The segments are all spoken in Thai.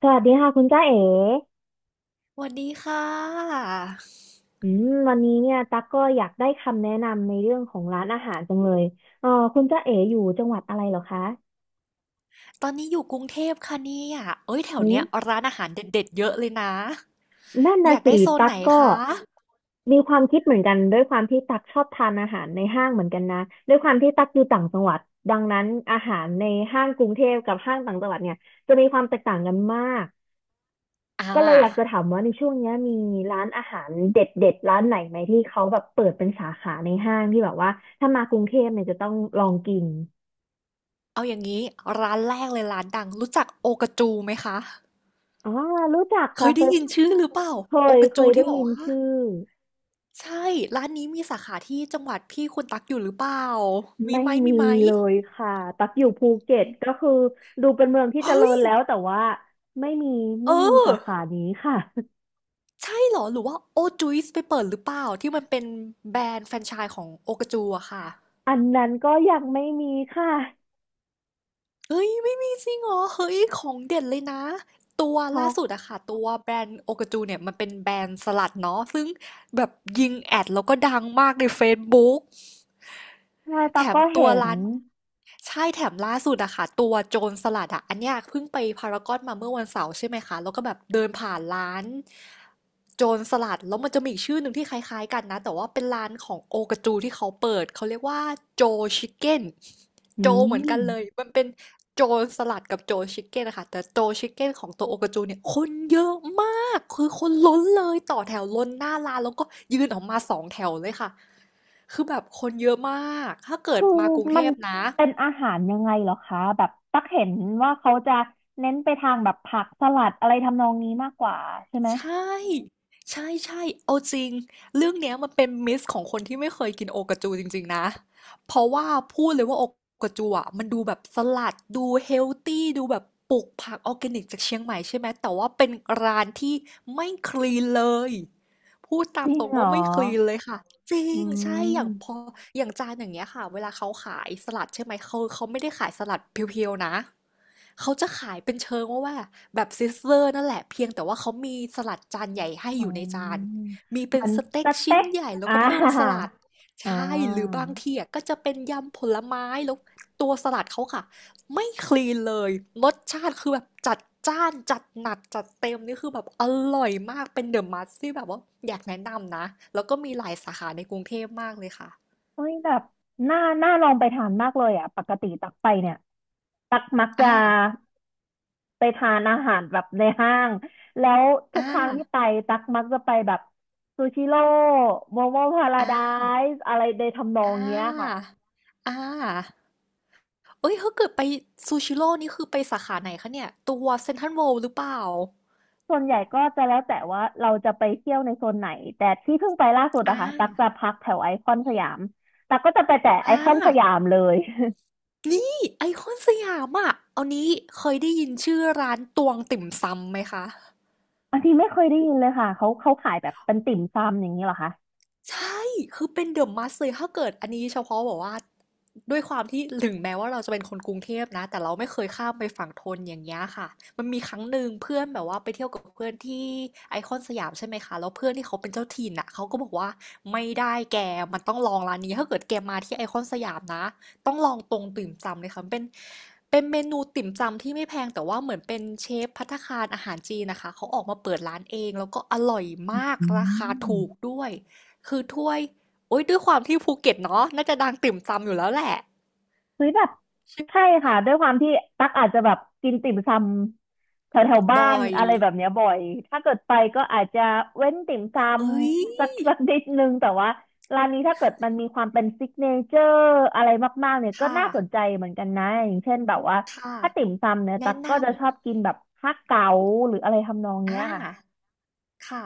สวัสดีค่ะคุณจ้าเอ๋สวัสดีค่ะ วันนี้เนี่ยตั๊กก็อยากได้คำแนะนำในเรื่องของร้านอาหารจังเลยคุณจ้าเอ๋อยู่จังหวัดอะไรเหรอคะตอนนี้อยู่กรุงเทพค่ะเนี่ยเอ้ยแถวอืมเนี้ยร้านอาหารเด็ดๆเยอะเลยนะ นั่นอน่ะยากสิได้โซนตั๊ไหกนก็คะมีความคิดเหมือนกันด้วยความที่ตั๊กชอบทานอาหารในห้างเหมือนกันนะด้วยความที่ตั๊กอยู่ต่างจังหวัดดังนั้นอาหารในห้างกรุงเทพกับห้างต่างจังหวัดเนี่ยจะมีความแตกต่างกันมาก อ่าก็เลยอยากจะถามว่าในช่วงเนี้ยมีร้านอาหารเด็ดเด็ดร้านไหนไหมที่เขาแบบเปิดเป็นสาขาในห้างที่แบบว่าถ้ามากรุงเทพเนี่ยจะต้องลองกินเอาอย่างนี้ร้านแรกเลยร้านดังรู้จักโอกาจูไหมคะ อ๋อรู้จักเคค่ะยเคได้ยยินชื่อหรือเปล่าเคโอยกาเคจูยได้ที่บอกยินว่าชื่อใช่ร้านนี้มีสาขาที่จังหวัดพี่คุณตักอยู่หรือเปล่ามีไม่ไหมมีมีไหมเลยค่ะตักอยู่ภูเก็ตก็คือดูเป็นเมืองที่เจริเฮ้ยญแล้วแต่ว่าไม่มีเอไม่มีอสาขานี้ค่ะ ใช่เหรอหรือว่าโอจุยส์ไปเปิดหรือเปล่าที่มันเป็นแบรนด์แฟรนไชส์ของโอกาจูอะค่ะ อันนั้นก็ยังไม่มีค่ะเฮ้ยไม่มีจริงเหรอเฮ้ยของเด็ดเลยนะตัวช็อล่ากสุดอะค่ะตัวแบรนด์โอกาจูเนี่ยมันเป็นแบรนด์สลัดเนาะซึ่งแบบยิงแอดแล้วก็ดังมากในเฟซบุ๊ก ใช่แถตักมก็ตัวเห็นร้านใช่แถมล่าสุดอะค่ะตัวโจรสลัดอะอันเนี้ยเพิ่งไปพารากอนมาเมื่อวันเสาร์ใช่ไหมคะแล้วก็แบบเดินผ่านร้านโจรสลัดแล้วมันจะมีอีกชื่อหนึ่งที่คล้ายๆกันนะแต่ว่าเป็นร้านของโอกาจูที่เขาเปิดเขาเรียกว่าโจชิคเก้นอืโจเหมือม นกันเลยมันเป็นโจรสลัดกับโจชิคเก้นนะคะแต่โจชิคเก้นของตัวโอกาจูเนี่ยคนเยอะมากคือคนล้นเลยต่อแถวล้นหน้าร้านแล้วก็ยืนออกมาสองแถวเลยค่ะ คือแบบคนเยอะมาก ถ้าเกิดคือมากรุงเทมันพนะ เป็นอาหารยังไงเหรอคะแบบตักเห็นว่าเขาจะเน้นไปทางแบบผักสลัดอะไรทำนองนี้มากกว่าใช่ไหมใช่ ใช่ใช่เอาจริง เรื่องเนี้ยมันเป็นมิสของคนที่ไม่เคยกินโอกาจูจริงๆนะ เพราะว่าพูดเลยว่าโอกาจูอ่ะมันดูแบบสลัดดูเฮลตี้ดูแบบปลูกผักออร์แกนิกจากเชียงใหม่ใช่ไหม แต่ว่าเป็นร้านที่ไม่คลีนเลยพูดตาจมริตงรงเหรว่าอไม่คลีนเลยค่ะจริอืง ใช่ อย่างพอมอย่างจานอย่างเงี้ยค่ะ เวลาเขาขายสลัดใช่ไหมเขาไม่ได้ขายสลัดเพียวๆนะ เขาจะขายเป็นเชิงว่าแบบซิสเลอร์นั่นแหละเพียงแต่ว่าเขามีสลัดจานใหญ่ให้อ๋ออยู่ในจานมีเป็นมันสเต็สกเต็ชิ้นกใหญ่แล้อ่า วก็เพิ่ม สลัดอ่ใช่หรือาบางทีอ่ะก็จะเป็นยำผลไม้แล้วตัวสลัดเขาค่ะไม่คลีนเลยรสชาติคือแบบจัดจ้านจัดหนักจัดเต็มนี่คือแบบอร่อยมากเป็นเดอะมัสที่แบบว่าอยากแนะนำนะแล้วก็มีหลายสาขาในกรุงเทพมากเลยค่ะเฮ้ยแบบน่าน่าลองไปทานมากเลยอ่ะปกติตักไปเนี่ยตักมักจะ อ่าไปทานอาหารแบบในห้าง แล้วทุกอ่าครั้งที่ไปตักมักจะไปแบบซูชิโร่โมโมพาราอ่ไดาซ์อะไรในทำนออ่งเนี้ยค่ะาอ่า เอ้ยถ้าเกิดไปซูชิโร่นี่คือไปสาขาไหนคะเนี่ยตัวเซ็นทรัลเวิลด์หรือเปล่าส่วนใหญ่ก็จะแล้วแต่ว่าเราจะไปเที่ยวในโซนไหน แต่ที่เพิ่งไปล่าสุดอ่าอะค่ะตักจะพักแถวไอคอนสยามตักก็จะไปแต่ไออ่คอนสายามเลย นี่ไอคอนสยามอ่ะเอานี้เคยได้ยินชื่อร้านตวงติ่มซำไหมคะ อันนี้ไม่เคยได้ยินเลยค่ะเขาขายแบบเป็นติ่มซำอย่างนี้เหรอคะใช่ คือเป็น The Must เลย ถ้าเกิดอันนี้เฉพาะแบอกว่าด้วยความที่ถึงแม้ว่าเราจะเป็นคนกรุงเทพนะ แต่เราไม่เคยข้ามไปฝั่งธนอย่างเงี้ยค่ะ มันมีครั้งหนึ่งเพื่อนแบบว่าไปเที่ยวกับเพื่อนที่ไอคอนสยามใช่ไหมคะ แล้วเพื่อนที่เขาเป็นเจ้าถิ่นอ่ะเขาก็บอกว่าไม่ได้แกมันต้องลองร้านนี้ถ้าเกิดแกมาที่ไอคอนสยามนะต้องลองตรงติ่มซำเลยค่ะมันเป็นเมนูติ่มซำที่ไม่แพงแต่ว่าเหมือนเป็นเชฟภัตตาคารอาหารจีนนะคะเขาออกมาเปิดร้านเองแล้วก็อร่อยมากอืราคาถูกม ด้วย คือถ้วยโอ๊ยด้วยความที่ภูเก็ตเนาะน่าจะดังติ่มซำอยู่แล้วแหละเฮ้ยแบบใช่ค่ะด้วยความที่ตักอาจจะแบบกินติ่มซำแถวแถวบอบ้านยอะไรแบบเนี้ยบ่อยถ้าเกิดไปก็อาจจะเว้นติ่มซเอ้ยำสัก สักนิดนึงแต่ว่าร้านนี้ถ้าเกิดมันมีความเป็นซิกเนเจอร์อะไรมากๆเนี่ยก็ค่ะน่าสนใจเหมือนกันนะอย่างเช่นแบบว่าค่ะถ้าติ่มซำเนี่ยตัแนะกนก็จะชอบกินแบบฮักเก๋าหรืออะไรทำนองำเนี้ยค่ะ ค่ะ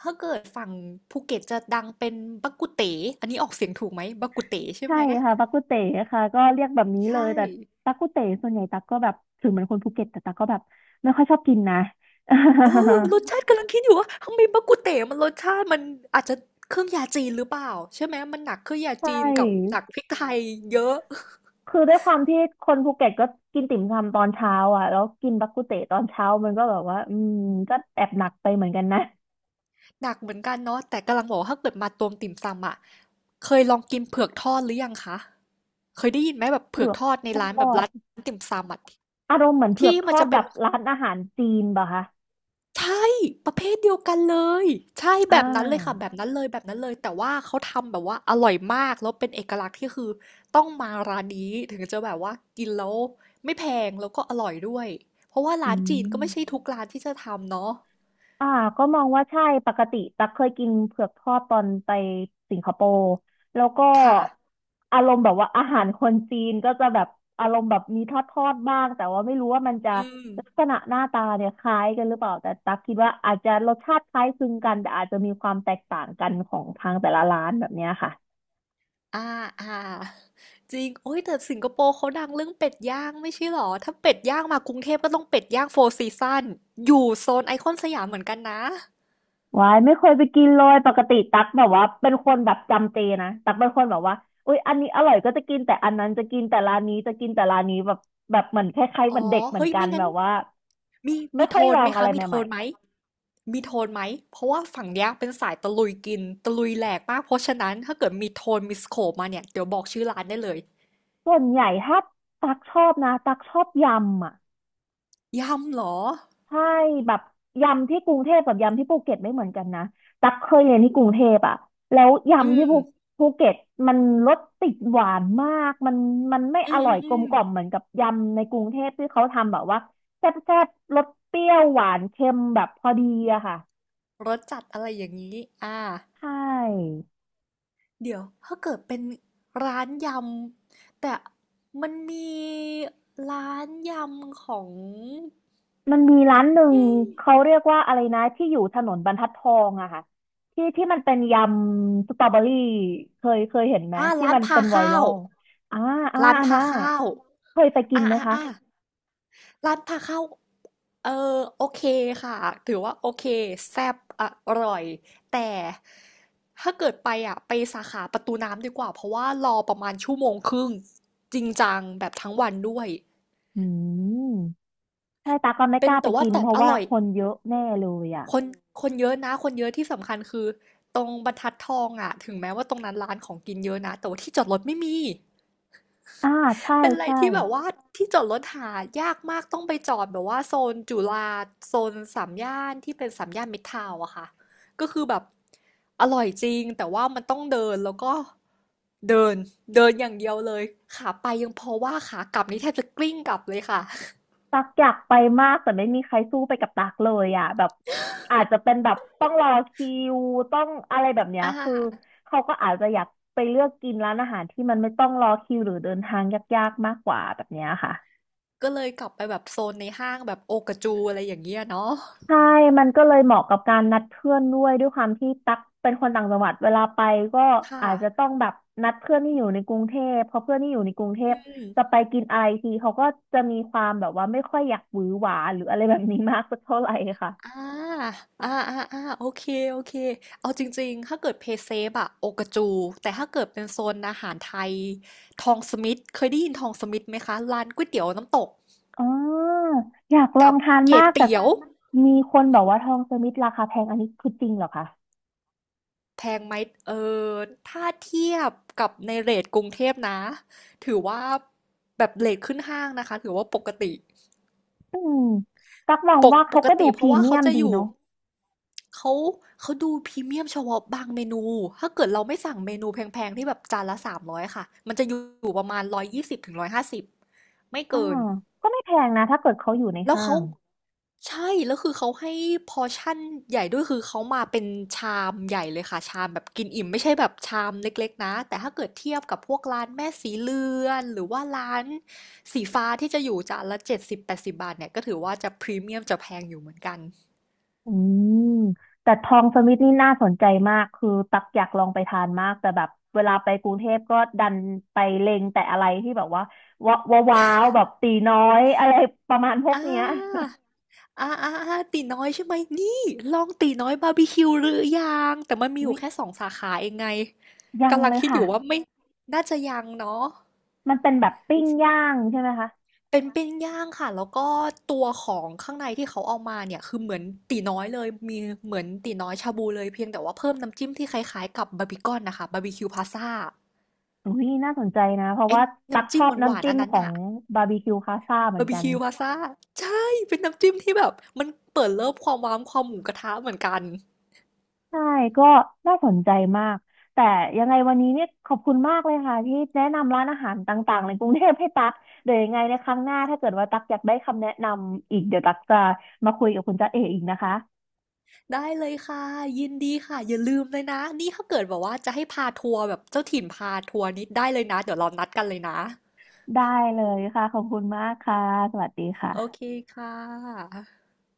ถ้าเกิดฝั่งภูเก็ตจะดังเป็นบักกุเต๋อันนี้ออกเสียงถูกไหมบักกุเต๋ใช่ใช่ไหมค่ะตักกุเต๋ค่ะก็เรียกแบบนี้เลยใช่แต่ตั๊กกุเต๋ส่วนใหญ่ตักก็แบบถึงเหมือนคนภูเก็ตแต่ตักก็แบบไม่ค่อยชอบกินนะ เออรสชาติกำลังคิดอยู่ว่าทำไมบักกุเต๋มันรสชาติมันอาจจะเครื่องยาจีนหรือเปล่าใช่ไหมมันหนักเครื่องยาใชจีนกับห่นักพริกไทยเยอะ คือด้วยความที่คนภูเก็ตก็กินติ่มซำตอนเช้าอ่ะแล้วกินบักกุเตตอนเช้ามันก็แบบว่าอืมก็แอบหนักไปเหมือนกันนะหนักเหมือนกันเนาะแต่กำลังบอกว่าถ้าเกิดมาตวงติ่มซำอะเคยลองกินเผือกทอดหรือยังคะเคยได้ยินไหมแบบเผืเผือกอกทอดในร้านทแบอบดร้านติ่มซำอะอารมณ์เหมือนเผืที่อกทมันอดจะแบเป็นบร้านอาหารจีนป่ะคะใช่ประเภทเดียวกันเลยใช่อ่แบบนั้นเลยค่ะาแบบนั้นเลยแบบนั้นเลยแต่ว่าเขาทำแบบว่าอร่อยมากแล้วเป็นเอกลักษณ์ที่คือต้องมาร้านนี้ถึงจะแบบว่ากินแล้วไม่แพงแล้วก็อร่อยด้วยเพราะว่าอืร้านจีนก็ไม่ใช่ม ทุกร้านที่จะทำเนาะอ่าก็มองว่าใช่ปกติตักเคยกินเผือกทอดตอนไปสิงคโปร์แล้วก็ค่ะอารมณ์แบบว่าอาหารคนจีนก็จะแบบอารมณ์แบบมีทอดทอดบ้างแต่ว่าไม่รู้ว่ามันจะอืม ลักษณะหน้าตาเนี่ยคล้ายกันหรือเปล่าแต่ตักคิดว่าอาจจะรสชาติคล้ายคลึงกันแต่อาจจะมีความแตกต่างกันของทางแต่ละร้านแบบเนี้ยค่ะ อ่า อ่าจริงโอ้ยแต่สิงคโปร์เขาดังเรื่องเป็ดย่างไม่ใช่หรอถ้าเป็ดย่างมากรุงเทพก็ต้องเป็ดย่างโฟร์ซีซันอยู่โซนไอคอนสยามเหมือนกันนะวายไม่เคยไปกินเลยปกติตักแบบว่าเป็นคนแบบจำเจนะตักเป็นคนแบบว่าอุ๊ยอันนี้อร่อยก็จะกินแต่อันนั้นจะกินแต่ร้านนี้จะกินแต่ร้านนี้แบบแบบเหมือนคล้ายๆอ๋เหมืออนเด็กเหมือนเฮ้ยกันไม่งั้แบนบว่ามีไม่มีค่โทอยลนอไหมงอะคะไรมีโทใหม่นไหมมีโทนไหมเพราะว่าฝั่งเนี้ยเป็นสายตะลุยกินตะลุยแหลกมากเพราะฉะนั้นถ้าเกิดมีโทนมีสโคปมาเนี่ยเดี๋ยวบอกชื่อร้านได้เลยๆส่วนใหญ่ถ้าตักชอบนะตักชอบยำอ่ะ ยำเหรอใช่แบบยำที่กรุงเทพกับยำที่ภูเก็ตไม่เหมือนกันนะตักเคยเรียนที่กรุงเทพอะแล้วอืยำที่มภูเก็ตมันรสติดหวานมากมันไม่อือมร่อือยมอืกลมมกล่อมเหมือนกับยำในกรุงเทพที่เขาทำแบบว่าแซ่บแซ่บรสเปรี้ยวหวานเค็มแบบพอดีอะค่ะรสจัดอะไรอย่างนี้อ่า ใช่ เดี๋ยวถ้าเกิดเป็นร้านยำแต่มันมีร้านยำของมันมีร้านหนึ่งเอ๊ะเขาเรียกว่าอะไรนะที่อยู่ถนนบรรทัดทองอะค่ะที่ที่มันเป็นยำสตรอเบอรี่เคยเห็นไหมอ่าที่ร้านมันพาเป็นไวข้ารัวลอ่าอ่าร้านอันพาน่ะข้าวเคยไปกินอ่าไหมอ่าคะอ่าร้านพาข้าวเออโอเคค่ะถือว่าโอเคแซ่บอร่อยแต่ถ้าเกิดไปอ่ะไปสาขาประตูน้ำดีกว่าเพราะว่ารอประมาณชั่วโมงครึ่งจริงจังแบบทั้งวันด้วยอืมใช่ตาก็ไม่กเป็นล้าไปแต่ว่ากินแต่เพราะอว่าร่อย คนเยอะแน่เลยอะคนคนเยอะนะคนเยอะที่สำคัญคือตรงบรรทัดทองอะถึงแม้ว่าตรงนั้นร้านของกินเยอะนะแต่ว่าที่จอดรถไม่มีอ่าใช่เป็นอะไรใช่ ที่แบบว่าที่จอดรถหายากมากต้องไปจอดแบบว่าโซนจุฬาโซนสามย่านที่เป็นสามย่านมิตรทาวน์อะค่ะก็คือแบบอร่อยจริงแต่ว่ามันต้องเดินแล้วก็เดินเดินอย่างเดียวเลยขาไปยังพอว่าขากลับนี่แทบจะกลิ้งกลับเลยค่ะ ตักอยากไปมากแต่ไม่มีใครสู้ไปกับตักเลยอ่ะแบบอาจจะเป็นแบบต้องรอคิวต้องอะไรแบบ เนี้ยอ่าคือเขาก็อาจจะอยากไปเลือกกินร้านอาหารที่มันไม่ต้องรอคิวหรือเดินทางยากๆมากกว่าแบบเนี้ยค่ะก็เลยกลับไปแบบโซนในห้างแบบโอกาจูอะไรอย่างเงี้ยเนาะใช่มันก็เลยเหมาะกับการนัดเพื่อนด้วยด้วยความที่ตั๊กเป็นคนต่างจังหวัดเวลาไปก็ค่ะ อาจจะต้องแบบนัดเพื่อนที่อยู่ในกรุงเทพเพราะเพื่อนที่อยู่ในกรุงเทอืพมจะไปกินอะไรทีเขาก็จะมีความแบบว่าไม่ค่อยอยากหวือหวาหรืออะไรแบบนี้มากสักเท่าไหร่ค่ะ อ่าอ่าอ่าอ่าโอเค โอเค เอาจริงๆ ถ้าเกิดเพย์เซฟอะโอกาจู แต่ถ้าเกิดเป็นโซนอาหารไทย ทองสมิธเคยได้ยินทองสมิธไหมคะร้านก๋วยเตี๋ยวน้ำตกอ๋ออยากลอกังบทานเก๋มากแต่เตี๋ยวมีคนบอกว่าทองสมิธราคาแพงอันนี้คือจริงเหรอคะแพงไหม เออ ถ้าเทียบกับในเรทกรุงเทพนะ ถือว่าแบบเรทขึ้นห้างนะคะ ถือว่าปกติ อืมกักมองปกว่าปเขากก็ดูติเพพรีราะว่าเมีเขายมจะดีอยู่เนาะเขาเขาดูพรีเมียมเฉพาะบางเมนู ถ้าเกิดเราไม่สั่งเมนูแพงๆที่แบบจานละ300ค่ะ มันจะอยู่ประมาณ120ถึง150ไม่อ่าเกิน ก็ไม่แพงนะถ้าเกิดเขาอยู่ในแล้วห้าเขางใช่แล้วคือเขาให้พอชั่นใหญ่ด้วยคือเขามาเป็นชามใหญ่เลยค่ะชามแบบกินอิ่มไม่ใช่แบบชามเล็กๆนะแต่ถ้าเกิดเทียบกับพวกร้านแม่สีเรือนหรือว่าร้านสีฟ้าที่จะอยู่จานละ7080บาทเนี่ยก็ถือว่าจะพรีเมียมจะแพงอยู่เหมือนกัน อืมแต่ทองสมิธนี่น่าสนใจมากคือตักอยากลองไปทานมากแต่แบบเวลาไปกรุงเทพก็ดันไปเล็งแต่อะไรที่แบบว่าว้าวว้าวแบบตีน้อยอะไรประมาณพวกอเนี้ย าอาๆๆตีน้อยใช่ไหมนี่ลองตีน้อยบาร์บีคิวหรือยังแต่มัน มีออุ๊ยู่ยแค่สองสาขาเองไงยังกำลังเลยคิดอค่ะยู่ว่าไม่น่าจะยังเนาะมันเป็นแบบปิ้งย่างใช่ไหมคะ เป็นปิ้งย่างค่ะแล้วก็ตัวของข้างในที่เขาเอามาเนี่ยคือเหมือนตีน้อยเลยมีเหมือนตีน้อยชาบูเลยเพียงแต่ว่าเพิ่มน้ำจิ้มที่คล้ายๆกับบาร์บีคอนนะค่ะบาร์บีคิวพาซ่าอุ้ยน่าสนใจนะเพราะไอ้ว่าตักน้ำชจิ้มอบหวาน้ำนๆจิ้อัมนนั้ขนองอ่ะบาร์บีคิวคาซ่าเหมืบาอนร์บีกันคิวพาซ่าใช่เป็นน้ำจิ้มที่แบบมันเปิดเลิฟความว้ามความหมูกระทะเหมือนกัน ใช่ก็น่าสนใจมากแต่ยังไงวันนี้เนี่ยขอบคุณมากเลยค่ะที่แนะนำร้านอาหารต่างๆในกรุงเทพให้ตักเดี๋ยวยังไงในครั้งหน้าถ้าเกิดว่าตักอยากได้คำแนะนำอีกเดี๋ยวตักจะมาคุยกับคุณจ๊ะเออีกนะคะได้เลยค่ะยินดีค่ะอย่าลืมเลยนะนี่ถ้าเกิดแบบว่าจะให้พาทัวร์แบบเจ้าถิ่นพาทัวร์นี้ได้เลยนะเดี๋ยวเรานัดกันเลยนะได้เลยค่ะขอบคุณมากค่ะสวัสดีโอเคค่ะค่ะ